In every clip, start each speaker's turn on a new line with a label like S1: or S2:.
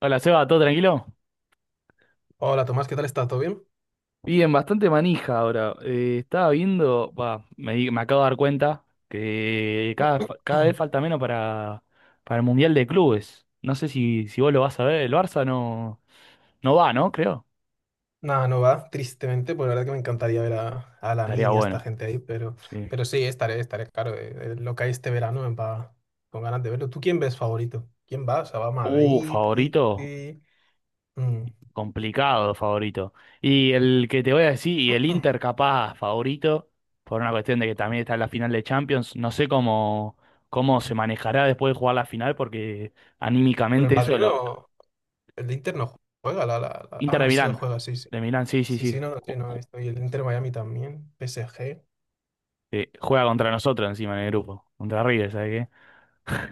S1: Hola, Seba, ¿todo tranquilo?
S2: Hola Tomás, ¿qué tal estás? ¿Todo bien?
S1: Bien, bastante manija ahora. Estaba viendo, va, me, me acabo de dar cuenta que cada, cada vez falta menos para el Mundial de Clubes. No sé si vos lo vas a ver, el Barça no, no va, ¿no? Creo.
S2: Nada, no va, tristemente, pues la verdad que me encantaría ver a la
S1: Estaría
S2: mini, a esta
S1: bueno.
S2: gente ahí, pero,
S1: Sí.
S2: pero sí, estaré, claro, lo que hay este verano me va con ganas de verlo. ¿Tú quién ves favorito? ¿Quién va? O sea, va a Madrid,
S1: Favorito.
S2: City... Mm.
S1: Complicado favorito. Y el que te voy a decir, y el Inter capaz favorito, por una cuestión de que también está en la final de Champions, no sé cómo, cómo se manejará después de jugar la final, porque
S2: Pero el
S1: anímicamente eso,
S2: Madrid
S1: lo,
S2: no, el de Inter no juega, ah,
S1: Inter
S2: no, sí lo juega, sí, sí.
S1: De Milán, sí, sí,
S2: Sí,
S1: sí,
S2: sí, no, no, sí, no, estoy, el Inter Miami también, PSG, es
S1: juega contra nosotros encima en el grupo, contra River, ¿sabes qué?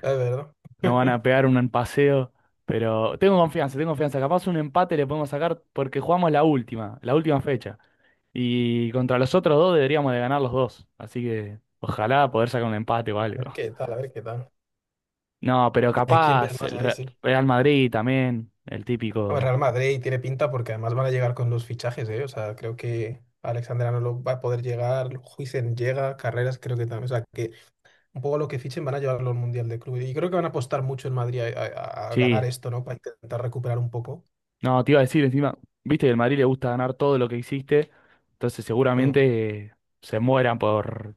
S2: verdad.
S1: Nos van a pegar un paseo, pero tengo confianza, capaz un empate le podemos sacar porque jugamos la última fecha. Y contra los otros dos deberíamos de ganar los dos. Así que ojalá poder sacar un empate o
S2: A ver
S1: algo.
S2: qué tal, a ver qué tal.
S1: No, pero
S2: ¿Y a quién ves
S1: capaz
S2: más ahí, sí?
S1: Real Madrid también, el típico.
S2: Real Madrid tiene pinta porque además van a llegar con los fichajes, ¿eh? O sea, creo que Alexander Arnold va a poder llegar, Huijsen llega, Carreras creo que también. O sea, que un poco lo que fichen van a llevarlo al Mundial de Clubes. Y creo que van a apostar mucho en Madrid a, a
S1: Sí,
S2: ganar esto, ¿no? Para intentar recuperar un poco.
S1: no, te iba a decir encima, viste que el Madrid le gusta ganar todo lo que hiciste, entonces
S2: Mm,
S1: seguramente se mueran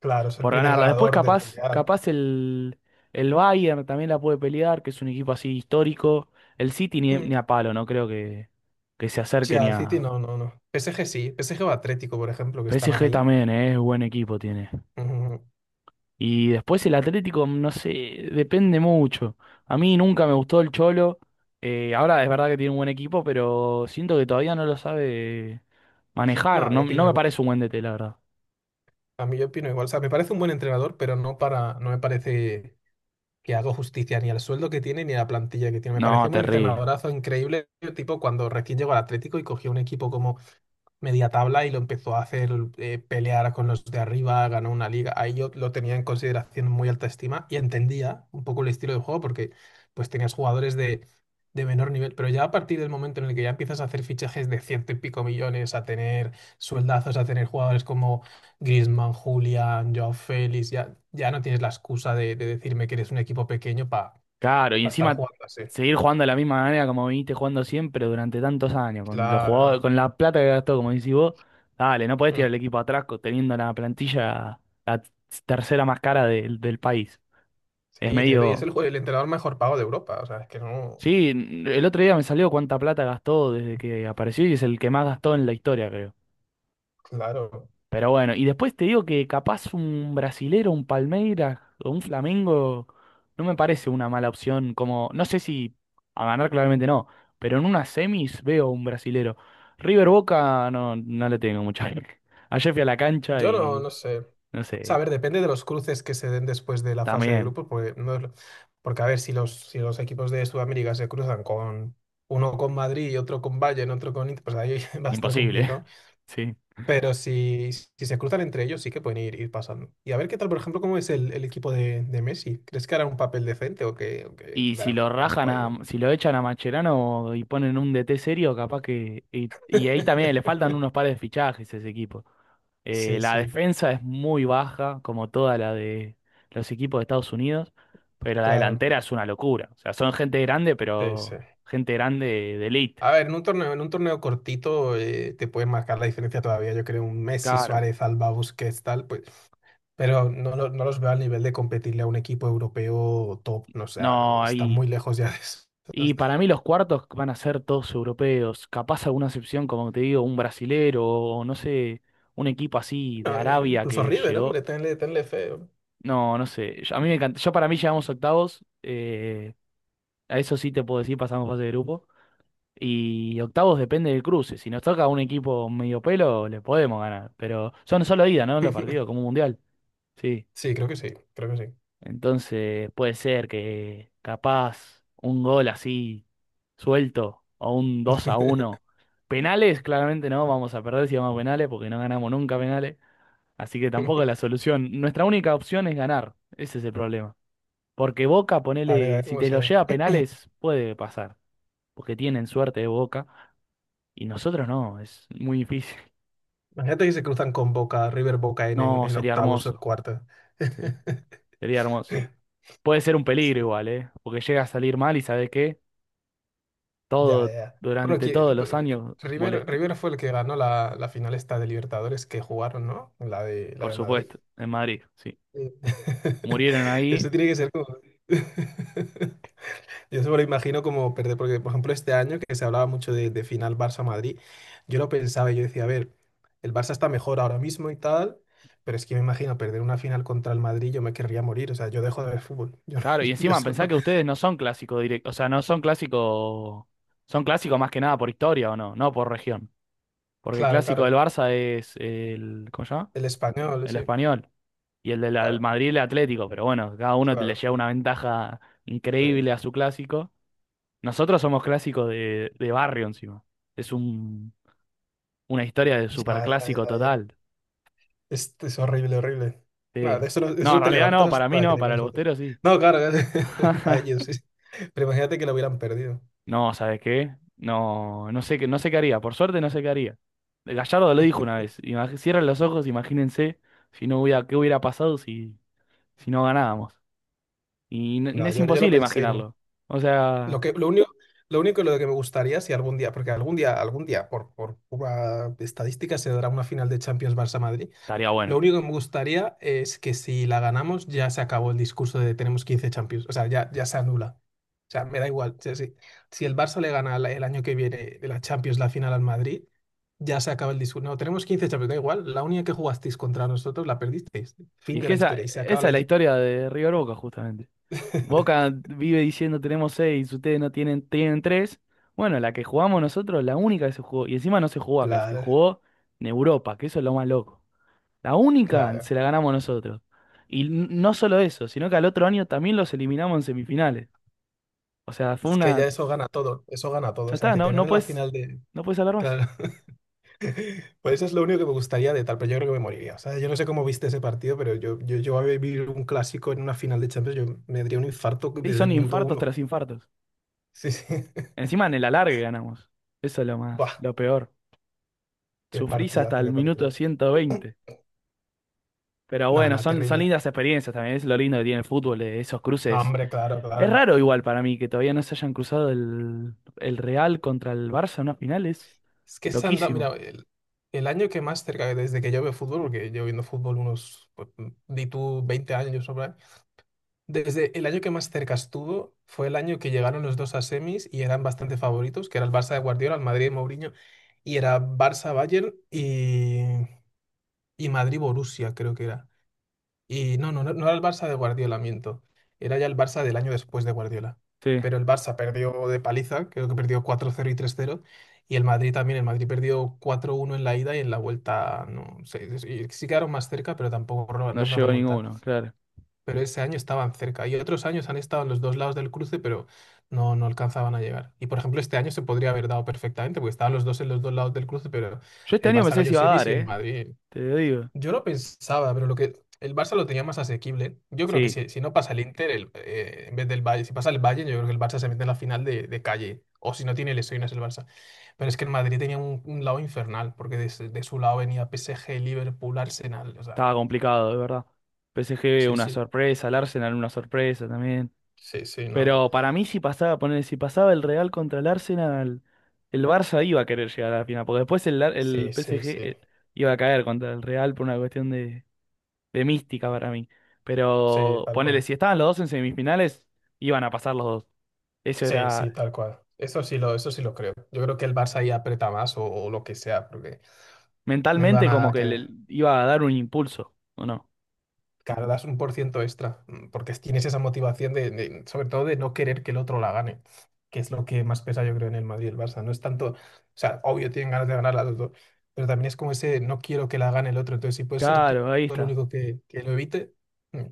S2: claro, es el
S1: por
S2: primer
S1: ganarla. Después
S2: ganador del
S1: capaz,
S2: Mundial.
S1: capaz el Bayern también la puede pelear, que es un equipo así histórico. El City ni,
S2: Mm,
S1: ni a palo, no creo que se acerque
S2: ya,
S1: ni
S2: el City
S1: a...
S2: no, no, no. PSG sí, PSG o Atlético, por ejemplo, que están
S1: PSG
S2: ahí.
S1: también, es buen equipo tiene.
S2: Mm,
S1: Y después el Atlético, mm, no sé, depende mucho. A mí nunca me gustó el Cholo. Ahora es verdad que tiene un buen equipo, pero siento que todavía no lo sabe manejar.
S2: no, yo
S1: No, no
S2: opino
S1: me
S2: igual.
S1: parece un buen DT, la verdad.
S2: A mí yo opino igual. O sea, me parece un buen entrenador, pero no para, no me parece que hago justicia ni al sueldo que tiene ni a la plantilla que tiene. Me
S1: No,
S2: pareció un
S1: terrible.
S2: entrenadorazo increíble, tipo cuando recién llegó al Atlético y cogió un equipo como media tabla y lo empezó a hacer pelear con los de arriba, ganó una liga. Ahí yo lo tenía en consideración muy alta estima y entendía un poco el estilo de juego porque pues tenías jugadores de menor nivel, pero ya a partir del momento en el que ya empiezas a hacer fichajes de ciento y pico millones, a tener sueldazos, a tener jugadores como Griezmann, Julián, Joao Félix, ya no tienes la excusa de decirme que eres un equipo pequeño para
S1: Claro, y
S2: estar
S1: encima
S2: jugando así.
S1: seguir jugando de la misma manera como viniste jugando siempre durante tantos años, con los
S2: Claro.
S1: jugadores, con la plata que gastó, como decís vos, dale, no podés tirar
S2: Mm.
S1: el equipo atrás teniendo la plantilla la tercera más cara del país. Es
S2: Sí, entiendo. Y es
S1: medio.
S2: el entrenador mejor pago de Europa. O sea, es que no.
S1: Sí, el otro día me salió cuánta plata gastó desde que apareció y es el que más gastó en la historia, creo.
S2: Claro,
S1: Pero bueno, y después te digo que capaz un brasilero, un Palmeiras o un Flamengo no me parece una mala opción. Como, no sé si a ganar claramente no, pero en unas semis veo un brasilero. River Boca no, no le tengo mucha fe. Ayer fui a la cancha
S2: yo no,
S1: y
S2: no sé. O
S1: no
S2: sea, a
S1: sé,
S2: ver, depende de los cruces que se den después de la fase de
S1: también,
S2: grupos, porque no es lo- porque a ver, si los, si los equipos de Sudamérica se cruzan con uno con Madrid y otro con Bayern, otro con Inter, pues ahí va a estar
S1: imposible,
S2: complicado.
S1: sí.
S2: Pero si se cruzan entre ellos, sí que pueden ir, ir pasando. Y a ver qué tal, por ejemplo, cómo es el equipo de Messi. ¿Crees que hará un papel decente o que
S1: Y si
S2: darán
S1: lo rajan
S2: asco ahí?
S1: a, si lo echan a Macherano y ponen un DT serio, capaz que. Y ahí también le faltan unos pares de fichajes a ese equipo.
S2: Sí,
S1: La
S2: sí,
S1: defensa es muy baja, como toda la de los equipos de Estados Unidos, pero la
S2: claro.
S1: delantera es una locura. O sea, son gente grande,
S2: Sí, sí.
S1: pero gente grande de elite.
S2: A ver, en un torneo cortito te pueden marcar la diferencia todavía. Yo creo un Messi,
S1: Claro.
S2: Suárez, Alba, Busquets, tal, pues, pero no, no los veo al nivel de competirle a un equipo europeo top. No, o sea, no,
S1: No,
S2: están
S1: ahí.
S2: muy lejos ya de eso.
S1: Y para mí los cuartos van a ser todos europeos. Capaz alguna excepción, como te digo, un brasilero o no sé, un equipo así de
S2: No,
S1: Arabia
S2: incluso
S1: que
S2: River,
S1: llegó.
S2: hombre, tenle fe, hombre.
S1: No, no sé. Yo, a mí me encanta. Yo para mí llegamos a octavos. A eso sí te puedo decir, pasamos fase de grupo. Y octavos depende del cruce. Si nos toca un equipo medio pelo, le podemos ganar. Pero son solo ida, ¿no? Los partidos, como un mundial. Sí.
S2: Sí, creo que sí, creo que sí.
S1: Entonces puede ser que capaz un gol así suelto o un 2-1. Penales, claramente no. Vamos a perder si vamos a penales porque no ganamos nunca penales. Así que tampoco es la solución. Nuestra única opción es ganar. Ese es el problema. Porque Boca,
S2: A
S1: ponele,
S2: ver
S1: si
S2: cómo
S1: te
S2: se.
S1: lo lleva a penales, puede pasar, porque tienen suerte de Boca, y nosotros no, es muy difícil.
S2: Imagínate que se cruzan con Boca, River Boca en, en,
S1: No,
S2: en
S1: sería
S2: octavos o en
S1: hermoso,
S2: cuartos.
S1: sería, sería hermoso. Puede ser un peligro
S2: Sí,
S1: igual, ¿eh? Porque llega a salir mal y ¿sabes qué?
S2: ya,
S1: Todo,
S2: ya. Bueno,
S1: durante
S2: que,
S1: todos
S2: pues,
S1: los años
S2: River,
S1: molesta,
S2: River fue el que ganó la final esta de Libertadores que jugaron, ¿no? La de, la
S1: por
S2: de Madrid.
S1: supuesto, en Madrid, sí.
S2: Sí.
S1: Murieron ahí,
S2: Eso tiene que ser como... Yo se me lo imagino como perder, porque por ejemplo este año que se hablaba mucho de final Barça-Madrid, yo lo pensaba y yo decía, a ver, el Barça está mejor ahora mismo y tal, pero es que me imagino perder una final contra el Madrid, yo me querría morir, o sea, yo dejo de ver fútbol, yo, no-
S1: claro, y
S2: yo
S1: encima
S2: eso
S1: pensá
S2: no.
S1: que ustedes no son clásicos directos, o sea, no son clásicos, son clásicos más que nada por historia o no, no por región. Porque el
S2: Claro,
S1: clásico del
S2: claro,
S1: Barça es el, ¿cómo se llama?
S2: el español,
S1: El
S2: sí,
S1: español. Y el del
S2: claro,
S1: Madrid el Atlético, pero bueno, cada uno le
S2: claro,
S1: lleva una ventaja
S2: sí.
S1: increíble a su clásico. Nosotros somos clásicos de barrio encima. Es un, una historia de
S2: Ya, ya,
S1: superclásico
S2: ya, ya.
S1: total.
S2: Es horrible, horrible. No,
S1: Sí.
S2: de eso, de
S1: No, en
S2: eso te
S1: realidad no,
S2: levantas
S1: para mí
S2: hasta que
S1: no,
S2: le
S1: para el
S2: ganes otro.
S1: Bostero sí.
S2: No, claro, para ellos, sí. Pero imagínate que lo hubieran perdido.
S1: No, ¿sabes qué? No, no sé qué, no sé qué haría. Por suerte no sé qué haría. Gallardo lo dijo una vez. Cierren los ojos, imagínense si no hubiera, qué hubiera pasado si, si no ganábamos. Y
S2: No,
S1: es
S2: yo lo
S1: imposible
S2: pensé y no.
S1: imaginarlo. O
S2: Lo
S1: sea,
S2: que, lo único, lo único lo que me gustaría si algún día, porque algún día, por pura estadística, se dará una final de Champions Barça-Madrid.
S1: estaría
S2: Lo
S1: bueno.
S2: único que me gustaría es que si la ganamos ya se acabó el discurso de tenemos 15 Champions. O sea, ya se anula. O sea, me da igual. O sea, si el Barça le gana el año que viene de la Champions la final al Madrid, ya se acaba el discurso. No, tenemos 15 Champions, da igual. La única que jugasteis contra nosotros la perdisteis. Fin
S1: Y es
S2: de
S1: que
S2: la
S1: esa,
S2: historia y se acaba
S1: esa
S2: la...
S1: es la
S2: his-
S1: historia de River Boca, justamente. Boca vive diciendo tenemos seis, ustedes no tienen, tienen tres. Bueno, la que jugamos nosotros, la única que se jugó, y encima no se jugó acá, se
S2: Claro,
S1: jugó en Europa, que eso es lo más loco. La única
S2: claro.
S1: se la ganamos nosotros. Y no solo eso, sino que al otro año también los eliminamos en semifinales. O sea, fue
S2: Es que ya
S1: una.
S2: eso gana todo. Eso gana todo.
S1: Ya
S2: O sea,
S1: está,
S2: que
S1: no,
S2: te
S1: no
S2: gane la
S1: puedes,
S2: final de...
S1: no puedes hablar más.
S2: Claro. Pues eso es lo único que me gustaría de tal, pero yo creo que me moriría. O sea, yo no sé cómo viste ese partido, pero yo a vivir un clásico en una final de Champions, yo me daría un infarto
S1: Sí,
S2: desde
S1: son
S2: el minuto
S1: infartos
S2: uno.
S1: tras infartos.
S2: Sí, sí.
S1: Encima en el alargue ganamos. Eso es lo más,
S2: Buah,
S1: lo peor.
S2: qué
S1: Sufrís hasta
S2: partidazo,
S1: el
S2: qué
S1: minuto
S2: partido.
S1: 120. Pero
S2: Nada,
S1: bueno,
S2: nada,
S1: son, son
S2: terrible.
S1: lindas experiencias también, es lo lindo que tiene el fútbol, esos
S2: No,
S1: cruces.
S2: hombre, claro,
S1: Es
S2: claro.
S1: raro igual para mí que todavía no se hayan cruzado el Real contra el Barça en una final, es
S2: Es que se han dado, mira,
S1: loquísimo.
S2: el año que más cerca, desde que yo veo fútbol, porque yo viendo fútbol unos, pues, di tú 20 años, ¿no? Desde el año que más cerca estuvo fue el año que llegaron los dos a semis y eran bastante favoritos, que era el Barça de Guardiola, el Madrid de Mourinho, y era Barça-Bayern y Madrid-Borussia, creo que era. Y no, no era el Barça de Guardiola, miento. Era ya el Barça del año después de Guardiola.
S1: Sí,
S2: Pero el Barça perdió de paliza, creo que perdió 4-0 y 3-0. Y el Madrid también, el Madrid perdió 4-1 en la ida y en la vuelta, no sé, sí sí sí, sí quedaron más cerca, pero tampoco
S1: no
S2: lograron
S1: llegó
S2: remontar,
S1: ninguno, claro.
S2: pero ese año estaban cerca. Y otros años han estado en los dos lados del cruce, pero no alcanzaban a llegar. Y por ejemplo, este año se podría haber dado perfectamente, porque estaban los dos en los dos lados del cruce, pero
S1: Yo este
S2: el
S1: año
S2: Barça
S1: pensé que se
S2: cayó
S1: iba a
S2: semis
S1: dar,
S2: y el
S1: ¿eh?
S2: Madrid.
S1: Te lo digo.
S2: Yo lo pensaba, pero lo que el Barça lo tenía más asequible. Yo creo que
S1: Sí,
S2: si no pasa el Inter, en vez del Bayern si pasa el Bayern yo creo que el Barça se mete en la final de calle. O si no tiene lesiones el Barça. Pero es que el Madrid tenía un lado infernal, porque de su lado venía PSG, Liverpool, Arsenal. O sea,
S1: estaba complicado, de verdad. PSG
S2: sí,
S1: una
S2: sí,
S1: sorpresa, el Arsenal una sorpresa también.
S2: sí, sí, no, no.
S1: Pero para mí si pasaba, poner, si pasaba el Real contra el Arsenal, el Barça iba a querer llegar a la final, porque después el, el
S2: Sí, sí,
S1: PSG
S2: sí,
S1: iba a caer contra el Real por una cuestión de mística para mí.
S2: sí,
S1: Pero
S2: tal
S1: ponele,
S2: cual.
S1: si estaban los dos en semifinales, iban a pasar los dos. Eso
S2: Sí, sí,
S1: era
S2: tal cual. Eso sí lo creo. Yo creo que el Barça ahí aprieta más o lo que sea, porque no iban
S1: mentalmente
S2: a
S1: como que
S2: que
S1: le iba a dar un impulso, ¿o no?
S2: cargas 1% extra, porque tienes esa motivación de, sobre todo de no querer que el otro la gane, que es lo que más pesa yo creo en el Madrid y el Barça. No es tanto, o sea, obvio tienen ganas de ganar las dos, pero también es como ese no quiero que la gane el otro. Entonces, si puedes ser tú
S1: Claro, ahí
S2: el
S1: está.
S2: único que lo evite, mm,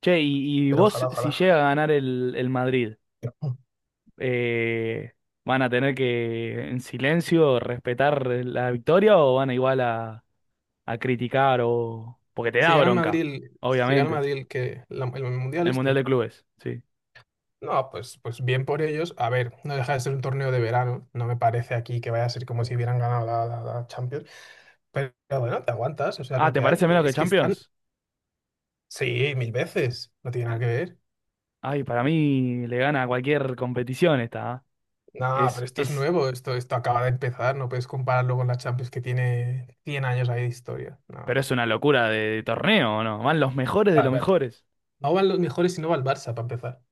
S1: Che, y
S2: pero
S1: vos,
S2: ojalá,
S1: si
S2: ojalá.
S1: llega a ganar el Madrid, eh, ¿van a tener que en silencio respetar la victoria o van a igual a criticar o... porque te
S2: Si
S1: da
S2: gana el
S1: bronca,
S2: Madrid, si gana el
S1: obviamente.
S2: Madrid el Mundial
S1: El Mundial
S2: este.
S1: de Clubes, sí.
S2: No, pues bien por ellos. A ver, no deja de ser un torneo de verano. No me parece aquí que vaya a ser como si hubieran ganado la, la Champions. Pero bueno, te aguantas, o sea, es
S1: Ah,
S2: lo
S1: ¿te
S2: que hay.
S1: parece menos que
S2: Es que están,
S1: Champions?
S2: sí, mil veces. No tiene nada que ver.
S1: Ay, para mí le gana a cualquier competición esta, ¿ah?
S2: No, pero esto es
S1: Es,
S2: nuevo, esto acaba de empezar. No puedes compararlo con la Champions que tiene 100 años ahí de historia. No,
S1: pero es una locura de torneo, ¿o no? Van los mejores de
S2: Ah,
S1: los
S2: pe- pe-
S1: mejores.
S2: no van los mejores y no va el Barça para empezar.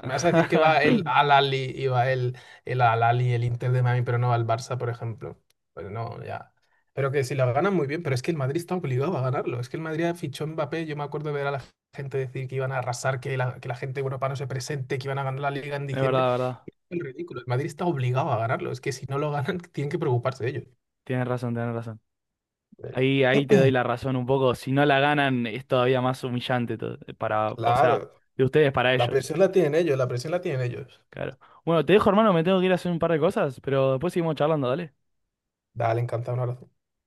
S2: Me vas a decir que va el Al-Ali y va el Al-Ali, el Inter de Miami, pero no va el Barça, por ejemplo. Pues no, ya. Pero que si lo ganan muy bien, pero es que el Madrid está obligado a ganarlo. Es que el Madrid fichó a Mbappé. Yo me acuerdo de ver a la gente decir que iban a arrasar, que la gente europea no se presente, que iban a ganar la Liga en
S1: Es
S2: diciembre.
S1: verdad, verdad.
S2: Es ridículo. El Madrid está obligado a ganarlo. Es que si no lo ganan, tienen que preocuparse de ellos.
S1: Tienes razón, tienes razón. Ahí, ahí te doy la razón un poco. Si no la ganan, es todavía más humillante para, o sea,
S2: Claro,
S1: de ustedes para
S2: la
S1: ellos.
S2: presión la tienen ellos, la presión la tienen ellos.
S1: Claro. Bueno, te dejo, hermano, me tengo que ir a hacer un par de cosas, pero después seguimos charlando, dale.
S2: Dale, encantado, un abrazo.